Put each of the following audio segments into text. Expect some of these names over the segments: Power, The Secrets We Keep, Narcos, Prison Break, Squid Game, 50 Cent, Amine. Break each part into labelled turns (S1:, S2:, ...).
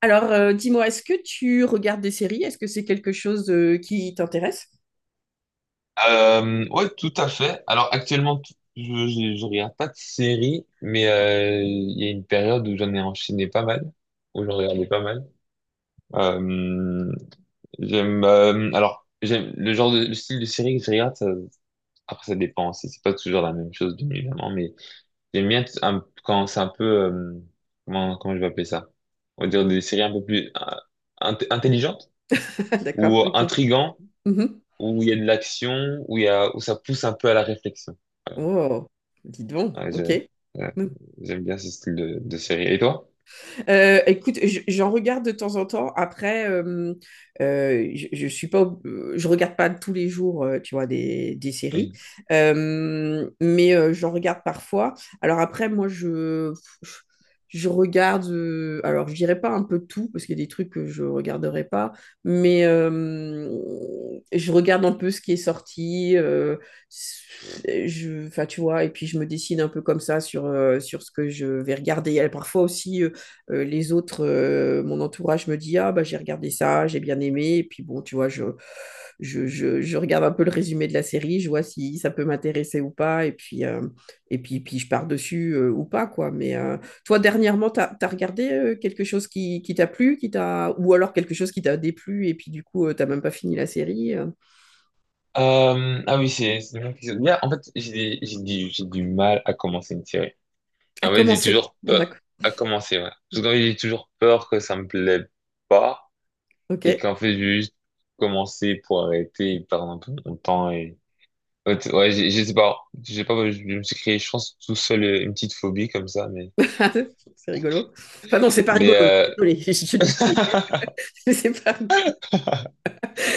S1: Alors, dis-moi, est-ce que tu regardes des séries? Est-ce que c'est quelque chose qui t'intéresse?
S2: Ouais, tout à fait. Alors actuellement, je regarde pas de série, mais il y a une période où j'en ai enchaîné pas mal, où j'en regardais pas mal. Euh, j'aime le genre de le style de série que je regarde. Après, ça dépend. C'est pas toujours la même chose, bien évidemment, mais j'aime bien quand c'est un peu comment je vais appeler ça? On va dire des séries un peu plus intelligentes
S1: D'accord,
S2: ou
S1: ok.
S2: intrigantes,
S1: Mhm.
S2: où il y a de l'action, où il y a où ça pousse un peu à la réflexion.
S1: Oh, dis donc,
S2: Ouais, je-
S1: ok.
S2: euh, J'aime bien ce style de série. Et toi?
S1: Écoute, j'en regarde de temps en temps. Après, je suis pas, je regarde pas tous les jours, tu vois, des séries.
S2: Oui.
S1: Mais j'en regarde parfois. Alors après, je regarde. Alors, je dirais pas un peu tout parce qu'il y a des trucs que je regarderai pas, mais je regarde un peu ce qui est sorti. Enfin, tu vois, et puis je me décide un peu comme ça sur, sur ce que je vais regarder. Et parfois aussi, les autres, mon entourage me dit, ah bah j'ai regardé ça, j'ai bien aimé. Et puis bon, tu vois, je regarde un peu le résumé de la série, je vois si ça peut m'intéresser ou pas. Et puis, puis je pars dessus ou pas, quoi. Mais toi, dernièrement, t'as regardé quelque chose qui t'a plu, qui t'a... ou alors quelque chose qui t'a déplu, et puis du coup, tu t'as même pas fini la série.
S2: Ah oui, c'est vraiment quelque chose. Bien, en fait, j'ai du mal à commencer une série.
S1: À
S2: En fait, j'ai
S1: commencer.
S2: toujours
S1: D'accord.
S2: peur à commencer, ouais. Parce qu'en fait, j'ai toujours peur que ça me plaît pas
S1: Ok.
S2: et qu'en fait, je vais juste commencer pour arrêter et perdre un peu mon temps et... Ouais, je sais pas, j'ai pas, je me suis créé, je pense, tout seul une petite phobie comme ça, mais...
S1: C'est rigolo. Enfin non, c'est pas
S2: Mais
S1: rigolo. Désolée, je dis c'est rigolo. mais c'est pas rigolo.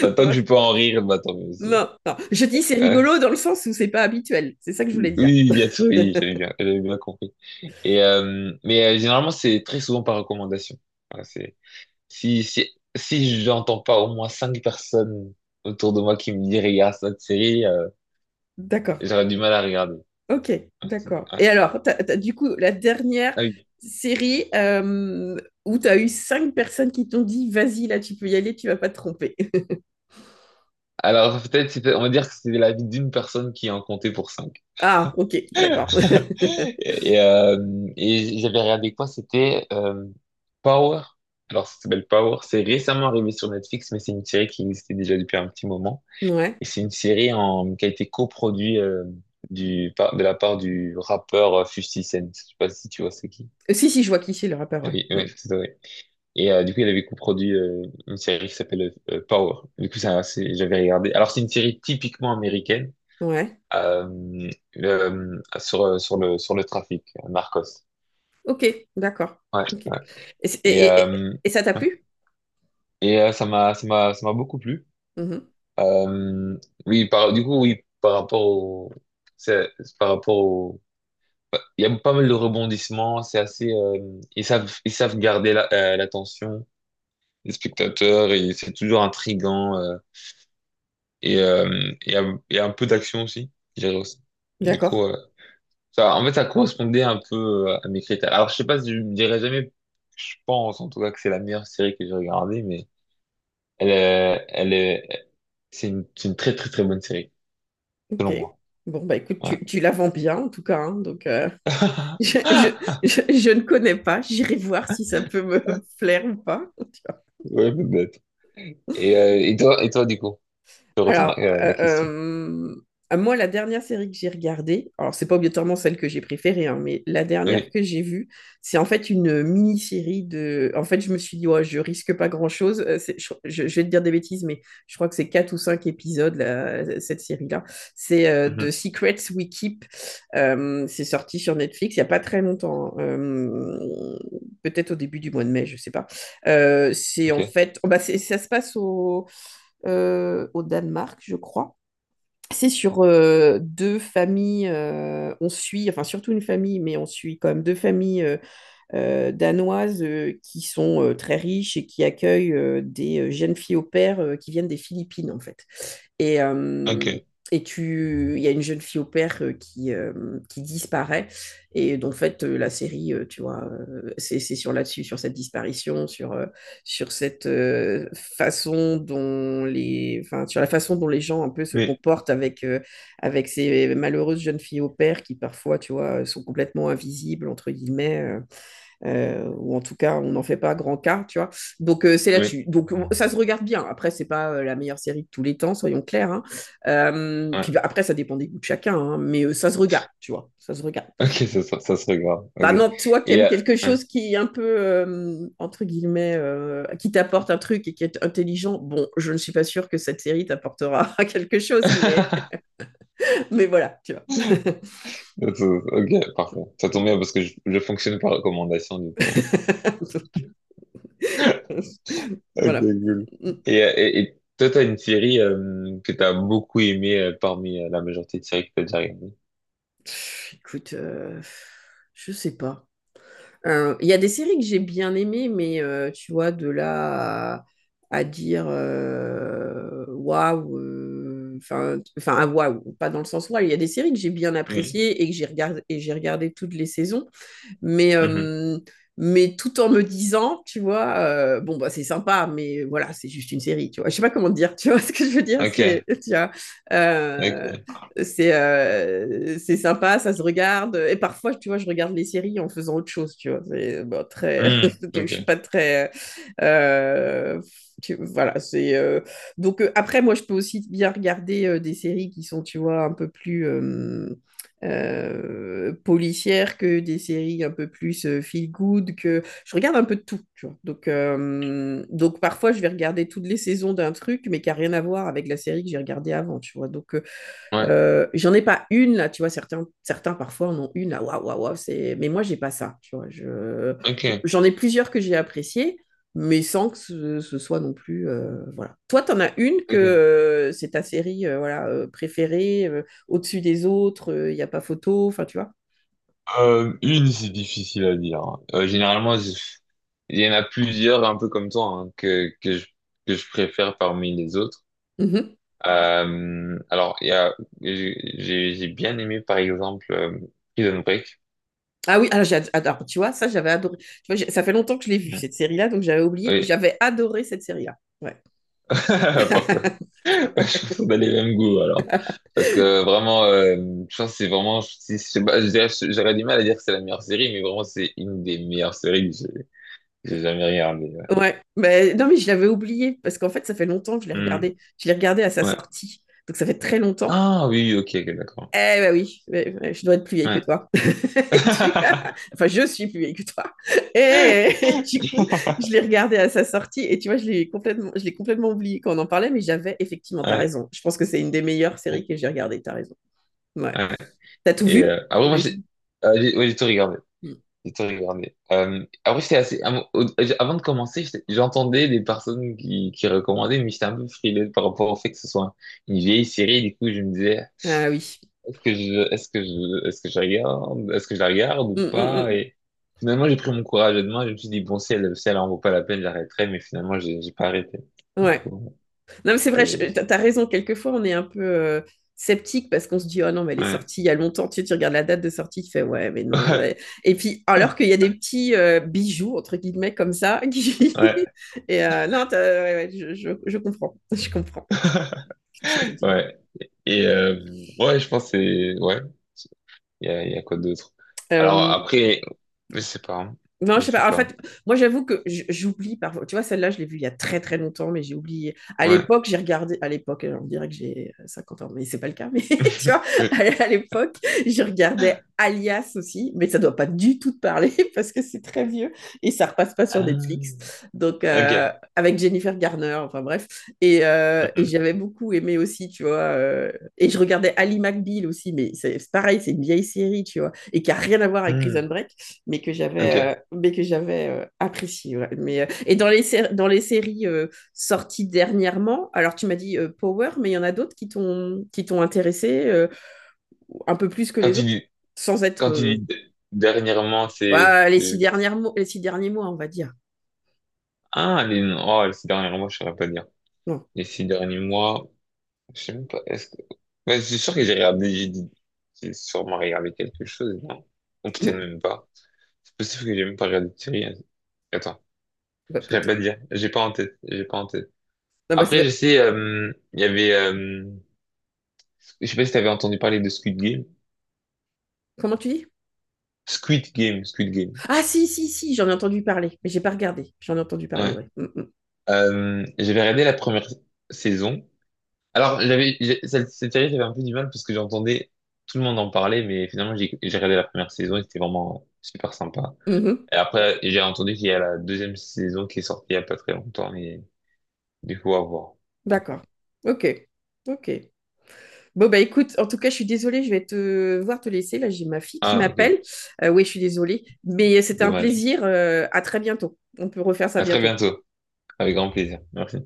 S2: Bah, tant que je peux en rire, bah, tant mieux.
S1: Non, non. Je dis c'est rigolo dans le sens où c'est pas habituel. C'est ça que je voulais
S2: Oui,
S1: dire.
S2: oui, bien sûr, oui, j'avais bien compris. Et généralement, c'est très souvent par recommandation. Voilà, c'est si j'entends pas au moins cinq personnes autour de moi qui me disent regarde cette série,
S1: D'accord.
S2: j'aurais du mal à regarder.
S1: Ok, d'accord.
S2: Ouais.
S1: Et alors, du coup, la dernière
S2: Ah oui.
S1: série où tu as eu 5 personnes qui t'ont dit, vas-y, là, tu peux y aller, tu vas pas te tromper.
S2: Alors on va dire que c'était l'avis d'une personne qui en comptait pour cinq.
S1: Ah, ok, d'accord.
S2: Et j'avais regardé quoi? C'était Power. Alors ça s'appelle Power. C'est récemment arrivé sur Netflix, mais c'est une série qui existait déjà depuis un petit moment.
S1: Ouais.
S2: Et c'est une série qui a été coproduite de la part du rappeur 50 Cent. Je sais pas si tu vois c'est qui.
S1: Si, si, je vois qui c'est le rappeur, ouais.
S2: Oui,
S1: Mm.
S2: oui, c'est ça, oui. Et du coup, il avait coproduit une série qui s'appelle Power. Du coup, j'avais regardé. Alors, c'est une série typiquement américaine
S1: Ouais.
S2: euh, sur, sur le trafic, Narcos.
S1: Ok, d'accord.
S2: Ouais,
S1: Ok.
S2: ouais.
S1: Et,
S2: Et,
S1: et ça t'a
S2: ouais.
S1: plu?
S2: Et ça m'a beaucoup plu.
S1: Mhm.
S2: Euh, oui, par rapport c'est- au... Il y a pas mal de rebondissements, c'est assez, ils savent garder l'attention des spectateurs et c'est toujours intriguant et euh, il y a, il y a un peu d'action aussi, je dirais aussi. Du
S1: D'accord.
S2: coup, ça, en fait, ça correspondait un peu à mes critères. Alors, je sais pas si je me dirais jamais, je pense en tout cas que c'est la meilleure série que j'ai regardée, mais elle est, c'est une très très très bonne série,
S1: Ok.
S2: selon moi.
S1: Bon, bah écoute,
S2: Ouais,
S1: tu la vends bien, en tout cas, hein, donc... je, je, je ne connais pas. J'irai voir si ça peut me plaire ou pas.
S2: ouais, peut-être. Et, et toi, du coup, je retourne
S1: Alors,
S2: la question.
S1: moi, la dernière série que j'ai regardée, alors c'est pas obligatoirement celle que j'ai préférée, hein, mais la dernière
S2: Oui.
S1: que j'ai vue, c'est en fait une mini-série de. En fait, je me suis dit, ouais, je risque pas grand-chose. Je vais te dire des bêtises, mais je crois que c'est 4 ou 5 épisodes, là. Cette série-là. C'est The
S2: Mhm.
S1: Secrets We Keep. C'est sorti sur Netflix il y a pas très longtemps, hein. Peut-être au début du mois de mai, je sais pas. C'est en
S2: Ok,
S1: fait. Oh, bah, c'est- ça se passe au au Danemark, je crois. C'est sur 2 familles, on suit, enfin surtout une famille, mais on suit quand même 2 familles danoises qui sont très riches et qui accueillent des jeunes filles au pair qui viennent des Philippines, en fait. Et,
S2: ok,
S1: tu, il y a une jeune fille au pair qui qui disparaît. Et donc, en fait, la série, tu vois, c'est sur là-dessus, sur cette disparition, sur, sur cette façon dont les, enfin, sur la façon dont les gens un peu se
S2: oui,
S1: comportent avec, avec ces malheureuses jeunes filles au pair qui parfois, tu vois, sont complètement invisibles, entre guillemets. Ou en tout cas, on n'en fait pas grand cas, tu vois. Donc, c'est
S2: oui, ouais.
S1: là-dessus. Donc, on- ça se regarde bien. Après, c'est pas la meilleure série de tous les temps, soyons clairs. Hein. Puis bah, après, ça dépend des goûts de chacun, hein, mais ça se regarde, tu vois. Ça se regarde.
S2: Ok, ça serait grave, ok.
S1: Bah non, toi qui
S2: Et,
S1: aimes quelque
S2: ouais.
S1: chose qui est un peu, entre guillemets, qui t'apporte un truc et qui est intelligent, bon, je ne suis pas sûre que cette série t'apportera quelque chose, mais voilà, tu vois.
S2: Ça, ça- Ok, parfait. Ça tombe bien parce que je fonctionne par recommandation, du coup. Ok,
S1: voilà.
S2: cool.
S1: Mm.
S2: Et, et toi, t'as une série que t'as beaucoup aimée parmi la majorité de séries que t'as déjà regardées?
S1: Écoute, je sais pas. Il y a des séries que j'ai bien aimées, mais tu vois, de là à dire waouh, enfin, ah, waouh, pas dans le sens waouh. Il y a des séries que j'ai bien
S2: Oui.
S1: appréciées et j'ai regardé toutes les saisons, mais,
S2: Mhm.
S1: euh, mais tout en me disant, tu vois, bon, bah, c'est sympa, mais voilà, c'est juste une série, tu vois. Je sais pas comment te dire, tu vois ce que je veux dire, c'est,
S2: Ok,
S1: tu vois, euh,
S2: ok.
S1: c'est sympa, ça se regarde. Et parfois, tu vois, je regarde les séries en faisant autre chose, tu vois. C'est, bon, très...
S2: Hmm,
S1: Donc, je suis
S2: ok,
S1: pas très... euh, Voilà, c'est... euh. Donc, après, moi, je peux aussi bien regarder des séries qui sont, tu vois, un peu plus... policières que des séries un peu plus feel good, que je regarde un peu de tout, tu vois. Donc donc parfois je vais regarder toutes les saisons d'un truc mais qui a rien à voir avec la série que j'ai regardée avant, tu vois, donc
S2: ouais,
S1: j'en ai pas une là, tu vois, certains, certains parfois en ont une là, waouh, waouh, waouh, c'est... Mais moi, j'ai pas ça, tu vois. Je...
S2: ok,
S1: J'en ai plusieurs que j'ai appréciées, mais sans que ce soit non plus... voilà. Toi, t'en as une que
S2: ok.
S1: c'est ta série préférée, au-dessus des autres, il n'y a pas photo, enfin, tu vois.
S2: Une, c'est difficile à dire. Euh, généralement, je- il y en a plusieurs, un peu comme toi, hein, que je préfère parmi les autres.
S1: Mhm.
S2: Alors, il y a, j'ai, j'ai bien aimé, par exemple, Prison Break.
S1: Ah oui, alors, tu vois, ça, j'avais adoré. Ça fait longtemps que je l'ai vue,
S2: Ouais.
S1: cette série-là, donc j'avais oublié.
S2: Oui,
S1: J'avais adoré cette série-là. Ouais.
S2: parfait. Je pense qu'on a les mêmes goûts, alors. Parce que vraiment, je pense que c'est vraiment, si, je sais pas, j'aurais du mal à dire que c'est la meilleure série, mais vraiment, c'est une des meilleures séries que j'ai jamais regardées. Ouais.
S1: Ouais, mais non, mais je l'avais oublié parce qu'en fait, ça fait longtemps que je l'ai
S2: Hmm,
S1: regardé. Je l'ai regardé à sa
S2: ouais.
S1: sortie, donc ça fait très longtemps.
S2: Ah oui, ok, ok, d'accord.
S1: Eh ben oui, ouais, ouais, je dois être plus vieille que
S2: Ouais.
S1: toi. Et du- Enfin, je suis plus vieille que toi. Et du coup, je l'ai regardé à sa sortie et tu vois, je l'ai complètement oublié quand on en parlait, mais j'avais effectivement,
S2: Ouais,
S1: t'as
S2: ouais.
S1: raison. Je pense que c'est une des meilleures séries que j'ai regardées, t'as raison. Ouais. T'as tout
S2: Et
S1: vu,
S2: moi,
S1: j'imagine.
S2: ouais, j'ai tout regardé.
S1: Mm.
S2: J'ai tout regardé. Après, j'étais assez. Av- au- Avant de commencer, j'entendais des personnes qui recommandaient, mais j'étais un peu frileux par rapport au fait que ce soit une vieille série. Du coup, je me disais,
S1: Ah oui.
S2: est-ce que je regarde, est-ce que je la regarde
S1: Mm,
S2: ou
S1: mm,
S2: pas?
S1: mm.
S2: Et finalement, j'ai pris mon courage à deux mains. Je me suis dit, bon, si elle en vaut pas la peine, j'arrêterai. Mais finalement, j'ai pas arrêté. Du
S1: Ouais.
S2: coup,
S1: Non, mais c'est vrai,
S2: c'est-
S1: t'as raison. Quelquefois, on est un peu sceptique parce qu'on se dit, oh non, mais elle est
S2: ouais.
S1: sortie il y a longtemps. Tu sais, tu regardes la date de sortie, tu fais, ouais, mais non, ouais. Et puis, alors qu'il y a des petits bijoux, entre guillemets, comme ça, qui...
S2: Ouais.
S1: Et non, t'as- ouais, ouais, je comprends. Je comprends. Ce que tu veux dire.
S2: Ouais. Et ouais, je pense que c'est ouais. Il y a quoi d'autre? Alors
S1: Euh,
S2: après, je sais pas, hein.
S1: Non,
S2: Je
S1: je sais
S2: sais
S1: pas. En
S2: pas.
S1: fait, moi, j'avoue que j'oublie parfois. Tu vois, celle-là, je l'ai vue il y a très très longtemps, mais j'ai oublié. À
S2: Ouais.
S1: l'époque, j'ai regardé. À l'époque, on dirait que j'ai 50 ans, mais c'est pas le cas. Mais tu vois, à l'époque, je regardais Alias aussi, mais ça doit pas du tout te parler parce que c'est très vieux et ça repasse pas sur
S2: Ah,
S1: Netflix. Donc,
S2: ok.
S1: avec Jennifer Garner, enfin bref. Et
S2: Mhm.
S1: j'avais beaucoup aimé aussi, tu vois. Et je regardais Ali McBeal aussi, mais c'est pareil, c'est une vieille série, tu vois, et qui a rien à voir avec Prison
S2: Mhm.
S1: Break,
S2: Ok.
S1: mais que j'avais apprécié, ouais. Mais et dans les dans les séries sorties dernièrement, alors tu m'as dit Power, mais il y en a d'autres qui t'ont intéressé un peu plus que
S2: Quand
S1: les
S2: tu
S1: autres
S2: dis
S1: sans être euh.
S2: dernièrement,
S1: Ouais, les 6 derniers mois, on va dire.
S2: ah les les six derniers mois, je saurais pas dire.
S1: Non.
S2: Les six derniers mois, je sais même pas. Est-ce que ouais, c'est sûr que j'ai regardé, j'ai sûrement regardé quelque chose, non? Ou peut-être
S1: Bon,
S2: même pas. C'est possible que j'ai même pas regardé de série, hein. Attends,
S1: bah,
S2: je saurais pas
S1: peut-être.
S2: dire. J'ai pas en tête. J'ai pas en tête.
S1: Non, bah, ça
S2: Après,
S1: va-
S2: je sais, je sais pas si t'avais entendu parler de Squid Game.
S1: comment tu dis
S2: Squid Game, Squid Game.
S1: ah si si si j'en ai entendu parler, mais j'ai pas regardé, j'en ai entendu parler,
S2: Ouais.
S1: ouais. Mm, mm.
S2: J'avais regardé la première saison. Alors, cette série, j'avais un peu du mal parce que j'entendais tout le monde en parler, mais finalement, j'ai regardé la première saison et c'était vraiment super sympa.
S1: Mhm.
S2: Et après, j'ai entendu qu'il y a la deuxième saison qui est sortie il y a pas très longtemps, mais du coup, à voir. À voir.
S1: D'accord. Ok. Ok. Bon, bah écoute, en tout cas, je suis désolée, je vais te voir te laisser. Là, j'ai ma fille qui
S2: Ah, ok.
S1: m'appelle. Oui, je suis désolée, mais c'était un
S2: Dommage.
S1: plaisir. À très bientôt. On peut refaire ça
S2: À très
S1: bientôt.
S2: bientôt. Avec grand plaisir. Merci.